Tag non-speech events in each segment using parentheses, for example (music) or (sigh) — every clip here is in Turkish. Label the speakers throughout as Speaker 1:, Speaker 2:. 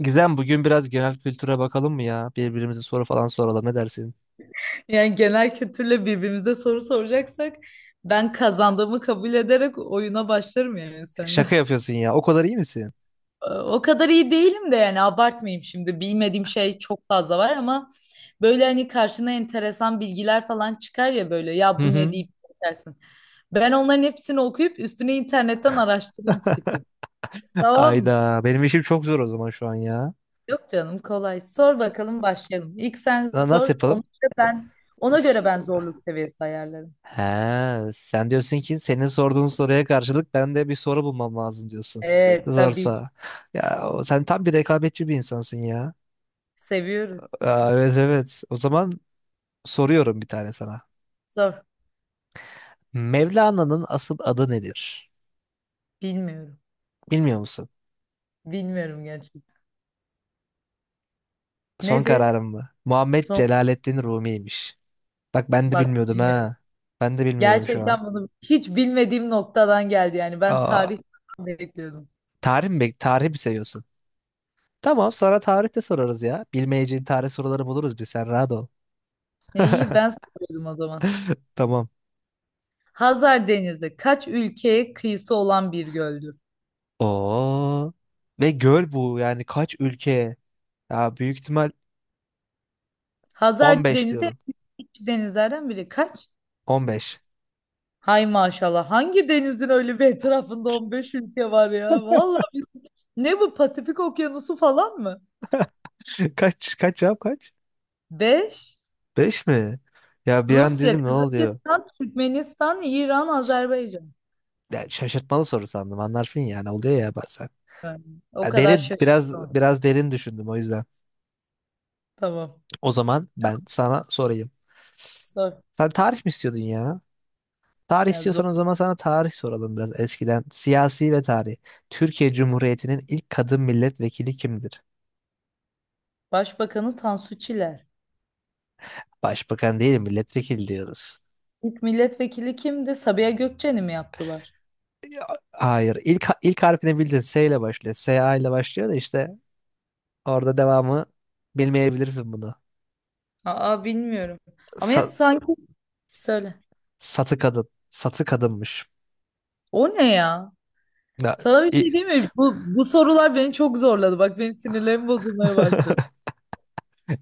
Speaker 1: Gizem bugün biraz genel kültüre bakalım mı ya? Birbirimize soru falan soralım, ne dersin?
Speaker 2: Yani genel kültürle birbirimize soru soracaksak ben kazandığımı kabul ederek oyuna başlarım yani seninle.
Speaker 1: Şaka
Speaker 2: (laughs)
Speaker 1: yapıyorsun ya. O kadar iyi misin?
Speaker 2: O kadar iyi değilim de yani abartmayayım şimdi. Bilmediğim şey çok fazla var ama böyle hani karşına enteresan bilgiler falan çıkar ya böyle
Speaker 1: Hı
Speaker 2: ya bu ne
Speaker 1: hı.
Speaker 2: deyip geçersin. Ben onların hepsini okuyup üstüne internetten araştıran tipim. Tamam mı?
Speaker 1: Ayda benim işim çok zor o zaman şu an ya.
Speaker 2: Yok canım kolay. Sor bakalım başlayalım. İlk sen
Speaker 1: Nasıl
Speaker 2: sor.
Speaker 1: yapalım?
Speaker 2: Ona göre ben ona
Speaker 1: S-
Speaker 2: göre ben zorluk seviyesi ayarlarım.
Speaker 1: He, sen diyorsun ki senin sorduğun soruya karşılık ben de bir soru bulmam lazım diyorsun.
Speaker 2: Evet tabii ki.
Speaker 1: Zorsa. Ya sen tam bir rekabetçi bir insansın ya.
Speaker 2: Seviyoruz.
Speaker 1: Aa, evet evet. O zaman soruyorum bir tane sana.
Speaker 2: Zor.
Speaker 1: Mevlana'nın asıl adı nedir?
Speaker 2: Bilmiyorum.
Speaker 1: Bilmiyor musun?
Speaker 2: Bilmiyorum gerçekten.
Speaker 1: Son
Speaker 2: Nedir?
Speaker 1: kararım mı? Muhammed
Speaker 2: Son
Speaker 1: Celaleddin Rumi'ymiş. Bak ben de
Speaker 2: bak
Speaker 1: bilmiyordum
Speaker 2: bilmiyorum.
Speaker 1: ha. Ben de bilmiyordum şu an.
Speaker 2: Gerçekten bunu hiç bilmediğim noktadan geldi yani. Ben
Speaker 1: Aa,
Speaker 2: tarih bekliyordum.
Speaker 1: tarih mi? Tarih mi seviyorsun? Tamam, sana tarih de sorarız ya. Bilmeyeceğin tarih soruları buluruz biz, sen rahat ol. (laughs)
Speaker 2: Ne iyi ben soruyorum o zaman.
Speaker 1: Tamam.
Speaker 2: Hazar Denizi kaç ülkeye kıyısı olan bir göldür?
Speaker 1: Oo. Ve göl bu, yani kaç ülke? Ya büyük ihtimal
Speaker 2: Hazar
Speaker 1: 15
Speaker 2: Denizi
Speaker 1: diyorum.
Speaker 2: en eski denizlerden biri. Kaç?
Speaker 1: 15.
Speaker 2: Hay maşallah. Hangi denizin öyle bir etrafında 15 ülke var ya? Vallahi biz- ne bu Pasifik Okyanusu falan mı?
Speaker 1: (laughs) Kaç kaç ya, kaç?
Speaker 2: 5.
Speaker 1: 5 mi? Ya bir an
Speaker 2: Rusya,
Speaker 1: dedim ne oluyor?
Speaker 2: Kazakistan, Türkmenistan, İran, Azerbaycan.
Speaker 1: Ya şaşırtmalı soru sandım, anlarsın yani, oluyor ya bazen.
Speaker 2: Yani o
Speaker 1: Ya
Speaker 2: kadar
Speaker 1: derin, biraz
Speaker 2: şaşırdım.
Speaker 1: biraz derin düşündüm o yüzden.
Speaker 2: Tamam.
Speaker 1: O zaman ben sana sorayım.
Speaker 2: Sor.
Speaker 1: Sen tarih mi istiyordun ya? Tarih
Speaker 2: Ya
Speaker 1: istiyorsan o
Speaker 2: zor.
Speaker 1: zaman sana tarih soralım, biraz eskiden. Siyasi ve tarih. Türkiye Cumhuriyeti'nin ilk kadın milletvekili kimdir?
Speaker 2: Başbakanı Tansu Çiller.
Speaker 1: Başbakan değil, milletvekili diyoruz.
Speaker 2: İlk milletvekili kimdi? Sabiha Gökçen'i mi yaptılar?
Speaker 1: Ya, hayır. İlk harfini bildin. S ile başlıyor. S A ile başlıyor da işte orada devamı bilmeyebilirsin bunu.
Speaker 2: Aa, bilmiyorum. Ama ya
Speaker 1: Sa-
Speaker 2: sanki söyle.
Speaker 1: satı kadın. Satı kadınmış.
Speaker 2: O ne ya?
Speaker 1: Ya,
Speaker 2: Sana bir
Speaker 1: i-
Speaker 2: şey diyeyim mi? Bu sorular beni çok zorladı. Bak benim sinirlerim bozulmaya başladı.
Speaker 1: (laughs)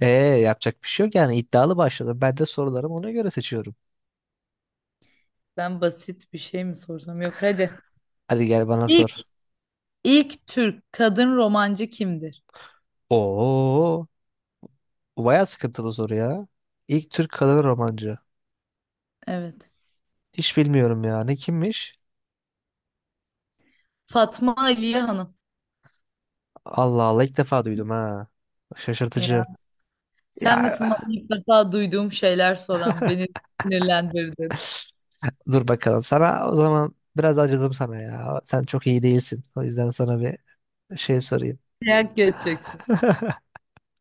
Speaker 1: Ee, yapacak bir şey yok yani, iddialı başladım. Ben de sorularımı ona göre seçiyorum.
Speaker 2: Ben basit bir şey mi sorsam? Yok hadi.
Speaker 1: Hadi gel bana
Speaker 2: İlk,
Speaker 1: sor.
Speaker 2: ilk Türk kadın romancı kimdir?
Speaker 1: Oo, bu bayağı sıkıntılı soru ya. İlk Türk kadın romancı.
Speaker 2: Evet.
Speaker 1: Hiç bilmiyorum ya. Ne, kimmiş?
Speaker 2: Fatma Aliye Hanım.
Speaker 1: Allah Allah, ilk defa duydum ha. Şaşırtıcı.
Speaker 2: Ya.
Speaker 1: Ya
Speaker 2: Sen misin bana ilk defa duyduğum şeyler soran, beni sinirlendirdin.
Speaker 1: (sighs) dur bakalım. Sana o zaman biraz acıdım sana ya. Sen çok iyi değilsin. O yüzden sana bir şey sorayım.
Speaker 2: Dayak geçeceksin.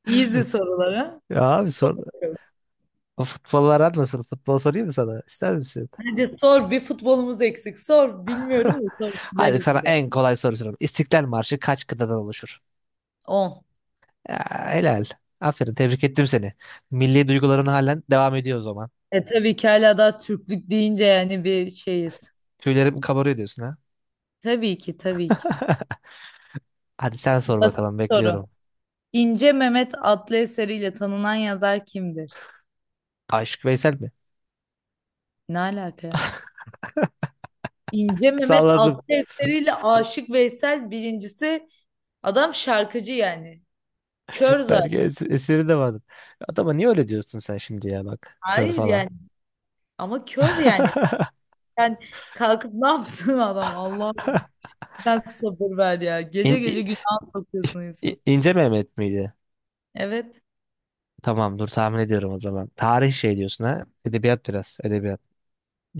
Speaker 2: Easy sorulara.
Speaker 1: Ya abi
Speaker 2: Sor
Speaker 1: sor.
Speaker 2: bakalım.
Speaker 1: O futbollar nasıl? Futbol sorayım mı sana? İster misin?
Speaker 2: Hadi sor. Bir futbolumuz eksik. Sor. Bilmiyorum
Speaker 1: (laughs)
Speaker 2: da sor.
Speaker 1: Hadi
Speaker 2: Bileriz
Speaker 1: sana
Speaker 2: biraz.
Speaker 1: en kolay soru sorayım. İstiklal Marşı kaç kıtadan oluşur?
Speaker 2: 10.
Speaker 1: Ya, helal. Aferin. Tebrik ettim seni. Milli duyguların halen devam ediyor o zaman.
Speaker 2: E tabii ki hala daha Türklük deyince yani bir şeyiz.
Speaker 1: Tüylerim kabarıyor diyorsun ha.
Speaker 2: Tabii ki tabii ki.
Speaker 1: (laughs) Hadi sen sor
Speaker 2: Basit
Speaker 1: bakalım,
Speaker 2: soru.
Speaker 1: bekliyorum.
Speaker 2: İnce Mehmet adlı eseriyle tanınan yazar kimdir?
Speaker 1: Aşık Veysel mi?
Speaker 2: Ne alaka ya? İnce Mehmet
Speaker 1: (laughs)
Speaker 2: adlı
Speaker 1: Salladım.
Speaker 2: eseriyle Aşık Veysel birincisi adam şarkıcı yani. Kör
Speaker 1: Belki
Speaker 2: zaten.
Speaker 1: eseri de vardı. Adama niye öyle diyorsun sen şimdi ya bak. Kör
Speaker 2: Hayır
Speaker 1: falan.
Speaker 2: yani. Ama kör yani.
Speaker 1: (laughs)
Speaker 2: Sen kalkıp ne yapsın (laughs) adam? Allah sen sabır ver ya. Gece
Speaker 1: İn,
Speaker 2: gece
Speaker 1: i-
Speaker 2: günah sokuyorsun insan.
Speaker 1: İnce Mehmet miydi?
Speaker 2: Evet.
Speaker 1: Tamam, dur tahmin ediyorum o zaman. Tarih şey diyorsun ha. Edebiyat biraz. Edebiyat.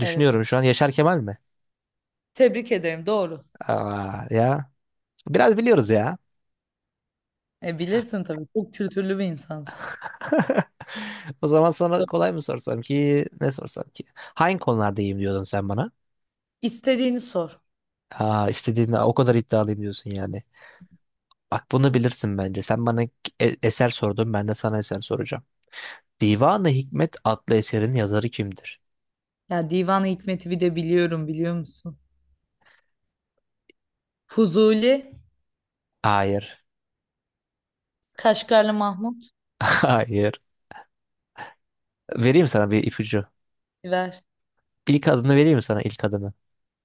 Speaker 2: Evet.
Speaker 1: şu an. Yaşar Kemal mi?
Speaker 2: Tebrik ederim. Doğru.
Speaker 1: Aa, ya. Biraz biliyoruz ya.
Speaker 2: E bilirsin tabii. Çok kültürlü bir insansın.
Speaker 1: (laughs) O zaman sana
Speaker 2: Sor.
Speaker 1: kolay mı sorsam ki, ne sorsam ki? Hangi konularda iyiyim diyordun sen bana?
Speaker 2: İstediğini sor.
Speaker 1: Aa, istediğinde o kadar iddialıyım diyorsun yani. Bak bunu bilirsin bence. Sen bana eser sordun, ben de sana eser soracağım. Divan-ı Hikmet adlı eserin yazarı kimdir?
Speaker 2: Ya Divan-ı Hikmet'i bir de biliyorum biliyor musun? Fuzuli,
Speaker 1: Hayır.
Speaker 2: Kaşgarlı Mahmut.
Speaker 1: (laughs) Hayır. Vereyim sana bir ipucu.
Speaker 2: Ver.
Speaker 1: İlk adını vereyim mi sana, ilk adını?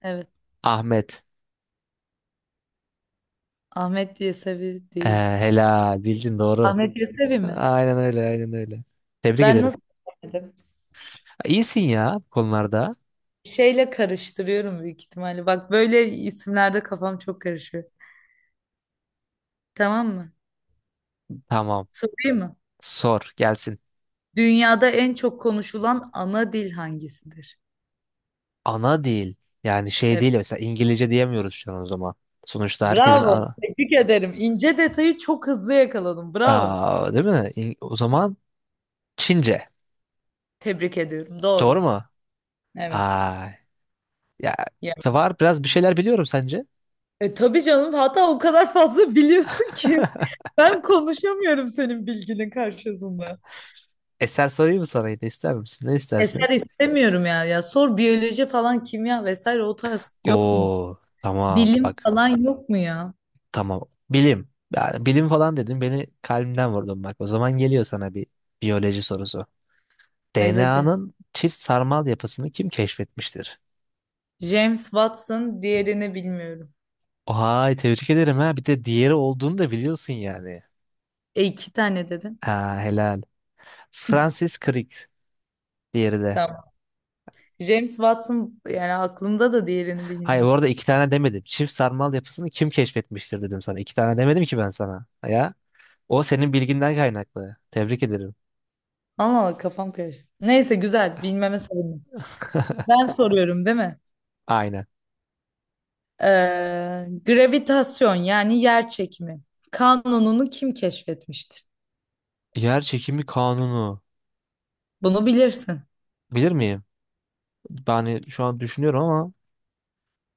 Speaker 2: Evet.
Speaker 1: Ahmet.
Speaker 2: Ahmet Yesevi
Speaker 1: Ee,
Speaker 2: değil.
Speaker 1: helal, bildin doğru.
Speaker 2: Ahmet Yesevi mi?
Speaker 1: Aynen öyle, aynen öyle. Tebrik
Speaker 2: Ben
Speaker 1: ederim.
Speaker 2: nasıl bilemedim?
Speaker 1: İyisin ya bu konularda.
Speaker 2: Şeyle karıştırıyorum büyük ihtimalle. Bak böyle isimlerde kafam çok karışıyor. Tamam mı?
Speaker 1: Tamam.
Speaker 2: Sorayım mı?
Speaker 1: Sor gelsin.
Speaker 2: Dünyada en çok konuşulan ana dil hangisidir?
Speaker 1: Ana dil, yani şey
Speaker 2: Evet.
Speaker 1: değil mesela, İngilizce diyemiyoruz şu an o zaman. Sonuçta herkesin
Speaker 2: Bravo. Tebrik ederim. İnce detayı çok hızlı yakaladım. Bravo.
Speaker 1: aa, değil mi? O zaman Çince.
Speaker 2: Tebrik ediyorum.
Speaker 1: Doğru
Speaker 2: Doğru.
Speaker 1: mu?
Speaker 2: Evet.
Speaker 1: Ay ya,
Speaker 2: Ya.
Speaker 1: var biraz, bir şeyler biliyorum sence.
Speaker 2: E, tabii canım. Hatta o kadar fazla (laughs) biliyorsun ki ben konuşamıyorum senin bilginin karşısında.
Speaker 1: Eser sorayım mı sana yine, ister misin? Ne
Speaker 2: Eser
Speaker 1: istersin?
Speaker 2: istemiyorum ya. Ya sor biyoloji falan kimya vesaire o tarz yok mu?
Speaker 1: Oo tamam,
Speaker 2: Bilim
Speaker 1: bak
Speaker 2: falan yok mu ya?
Speaker 1: tamam. Bilim. Yani bilim falan dedim, beni kalbimden vurdun bak. O zaman geliyor sana bir biyoloji sorusu.
Speaker 2: Ay hadi.
Speaker 1: DNA'nın çift sarmal yapısını kim keşfetmiştir?
Speaker 2: James Watson diğerini bilmiyorum.
Speaker 1: Vay, tebrik ederim ha. Bir de diğeri olduğunu da biliyorsun yani.
Speaker 2: E iki tane dedin.
Speaker 1: Aa, helal. Francis Crick diğeri de.
Speaker 2: Tamam. James Watson yani aklımda da diğerini
Speaker 1: Hayır, bu
Speaker 2: bilmiyordum.
Speaker 1: arada iki tane demedim. Çift sarmal yapısını kim keşfetmiştir dedim sana. İki tane demedim ki ben sana. Ya o senin bilginden kaynaklı. Tebrik ederim.
Speaker 2: Allah Allah kafam karıştı. Neyse güzel bilmeme sevindim. Ben soruyorum değil mi?
Speaker 1: Aynen.
Speaker 2: Gravitasyon yani yer çekimi kanununu kim keşfetmiştir?
Speaker 1: Yer çekimi kanunu.
Speaker 2: Bunu bilirsin.
Speaker 1: Bilir miyim? Yani şu an düşünüyorum ama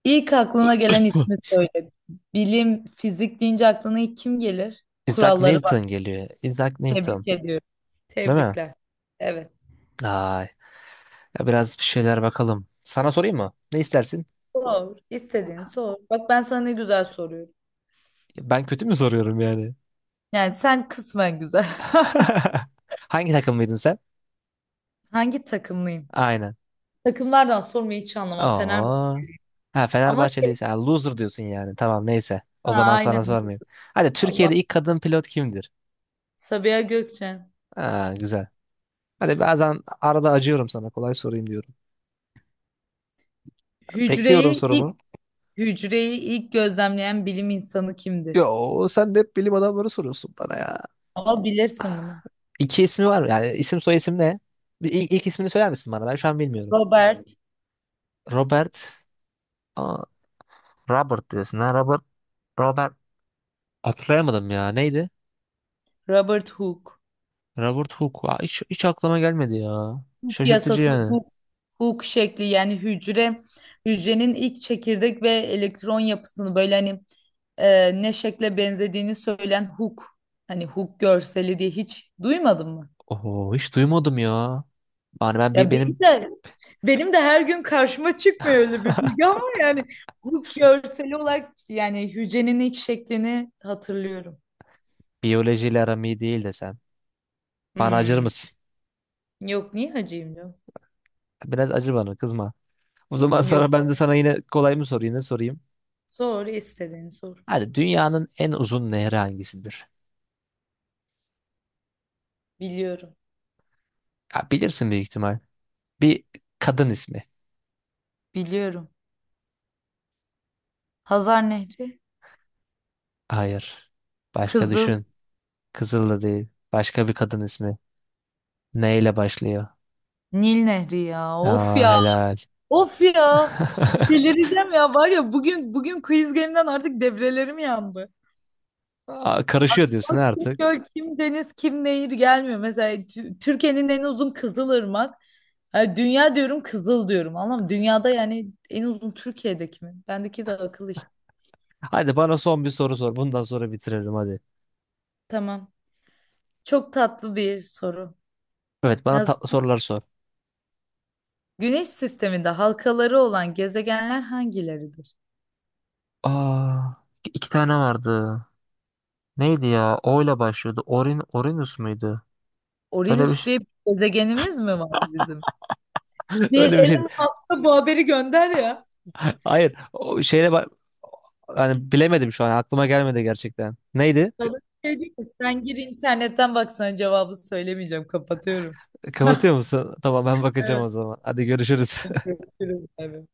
Speaker 2: İlk aklına gelen ismi
Speaker 1: (laughs)
Speaker 2: söyle. Bilim, fizik deyince aklına ilk kim gelir?
Speaker 1: Isaac
Speaker 2: Kuralları
Speaker 1: Newton geliyor. Isaac Newton.
Speaker 2: tebrik ediyorum.
Speaker 1: Değil mi?
Speaker 2: Tebrikler. Evet.
Speaker 1: Ay. Ya biraz bir şeyler bakalım. Sana sorayım mı? Ne istersin?
Speaker 2: Sor. İstediğini sor. Bak ben sana ne güzel soruyorum.
Speaker 1: Ben kötü mü soruyorum yani?
Speaker 2: Yani sen kısmen güzel. (laughs)
Speaker 1: (laughs) Hangi takımlıydın sen?
Speaker 2: Hangi takımlıyım?
Speaker 1: Aynen.
Speaker 2: Takımlardan sormayı hiç anlamam. Fenerbahçe.
Speaker 1: Aa. Ha,
Speaker 2: Ama şey,
Speaker 1: Fenerbahçeliysen ha, loser diyorsun yani. Tamam, neyse. O
Speaker 2: ha,
Speaker 1: zaman
Speaker 2: aynen.
Speaker 1: sana sormayayım. Hadi,
Speaker 2: Allah.
Speaker 1: Türkiye'de ilk kadın pilot kimdir?
Speaker 2: Sabiha Gökçen.
Speaker 1: Ha, güzel. Hadi, bazen arada acıyorum sana. Kolay sorayım diyorum. Bekliyorum
Speaker 2: Hücreyi ilk
Speaker 1: sorumu.
Speaker 2: hücreyi ilk gözlemleyen bilim insanı kimdir?
Speaker 1: Yo, sen de hep bilim adamları soruyorsun bana ya.
Speaker 2: Ama bilirsin bunu.
Speaker 1: İki ismi var mı? Yani isim soy isim ne? Bir, ilk ismini söyler misin bana? Ben şu an bilmiyorum.
Speaker 2: Robert,
Speaker 1: Robert. Aa, Robert diyorsun ha. Robert. Robert. Hatırlayamadım ya. Neydi?
Speaker 2: Robert Hooke.
Speaker 1: Robert Hooke. Aa, hiç aklıma gelmedi ya.
Speaker 2: Hooke
Speaker 1: Şaşırtıcı
Speaker 2: yasası
Speaker 1: yani.
Speaker 2: Hooke, Hooke şekli yani hücrenin ilk çekirdek ve elektron yapısını böyle hani ne şekle benzediğini söyleyen huk. Hani huk görseli diye hiç duymadın mı?
Speaker 1: Oho, hiç duymadım ya. Yani ben
Speaker 2: Ya benim
Speaker 1: benim
Speaker 2: de benim de her gün karşıma çıkmıyor öyle bir bilgi ama yani huk görseli olarak yani hücrenin iç şeklini hatırlıyorum.
Speaker 1: biyolojiyle aram iyi değil desem. Bana acır
Speaker 2: Hmm.
Speaker 1: mısın?
Speaker 2: Yok niye hacıyım diyor.
Speaker 1: Biraz acı, bana kızma. O zaman
Speaker 2: Yok.
Speaker 1: sana ben de sana yine kolay mı sorayım, ne sorayım?
Speaker 2: Sor istediğini sor.
Speaker 1: Hadi, dünyanın en uzun nehri hangisidir?
Speaker 2: Biliyorum.
Speaker 1: Ya bilirsin büyük ihtimal. Bir kadın ismi.
Speaker 2: Biliyorum. Hazar Nehri.
Speaker 1: Hayır. Başka
Speaker 2: Kızıl
Speaker 1: düşün. Kızıl da değil. Başka bir kadın ismi. Neyle başlıyor?
Speaker 2: Nil Nehri ya. Of
Speaker 1: Aa,
Speaker 2: ya.
Speaker 1: helal.
Speaker 2: Of ya.
Speaker 1: (laughs)
Speaker 2: Delireceğim ya. Var ya bugün quiz game'den artık devrelerim yandı.
Speaker 1: Aa, karışıyor diyorsun
Speaker 2: Aklıma kim
Speaker 1: artık.
Speaker 2: göl, kim deniz, kim nehir gelmiyor. Mesela Tü- Türkiye'nin en uzun Kızılırmak. Ha, dünya diyorum Kızıl diyorum. Anlam dünyada yani en uzun Türkiye'deki mi? Bendeki de akıl işte.
Speaker 1: Hadi bana son bir soru sor. Bundan sonra bitiririm hadi.
Speaker 2: Tamam. Çok tatlı bir soru.
Speaker 1: Evet, bana
Speaker 2: Hazır.
Speaker 1: tatlı sorular sor.
Speaker 2: Güneş sisteminde halkaları olan gezegenler hangileridir?
Speaker 1: Aa, iki tane vardı. Neydi ya? O ile başlıyordu. Orin, Orinus muydu? Öyle bir
Speaker 2: Uranüs
Speaker 1: şey.
Speaker 2: diye bir gezegenimiz mi var bizim?
Speaker 1: (laughs)
Speaker 2: Bir
Speaker 1: Öyle bir
Speaker 2: Elon
Speaker 1: şeydi.
Speaker 2: Musk'a bu haberi gönder ya.
Speaker 1: (laughs) Hayır. O şeyle bak, hani bilemedim şu an, aklıma gelmedi gerçekten. Neydi?
Speaker 2: Sana bir şey diyeyim mi? Sen gir internetten baksana cevabı söylemeyeceğim. Kapatıyorum.
Speaker 1: Kapatıyor
Speaker 2: (laughs)
Speaker 1: musun? Tamam, ben bakacağım
Speaker 2: Evet.
Speaker 1: o zaman. Hadi görüşürüz.
Speaker 2: Görüşürüz abi.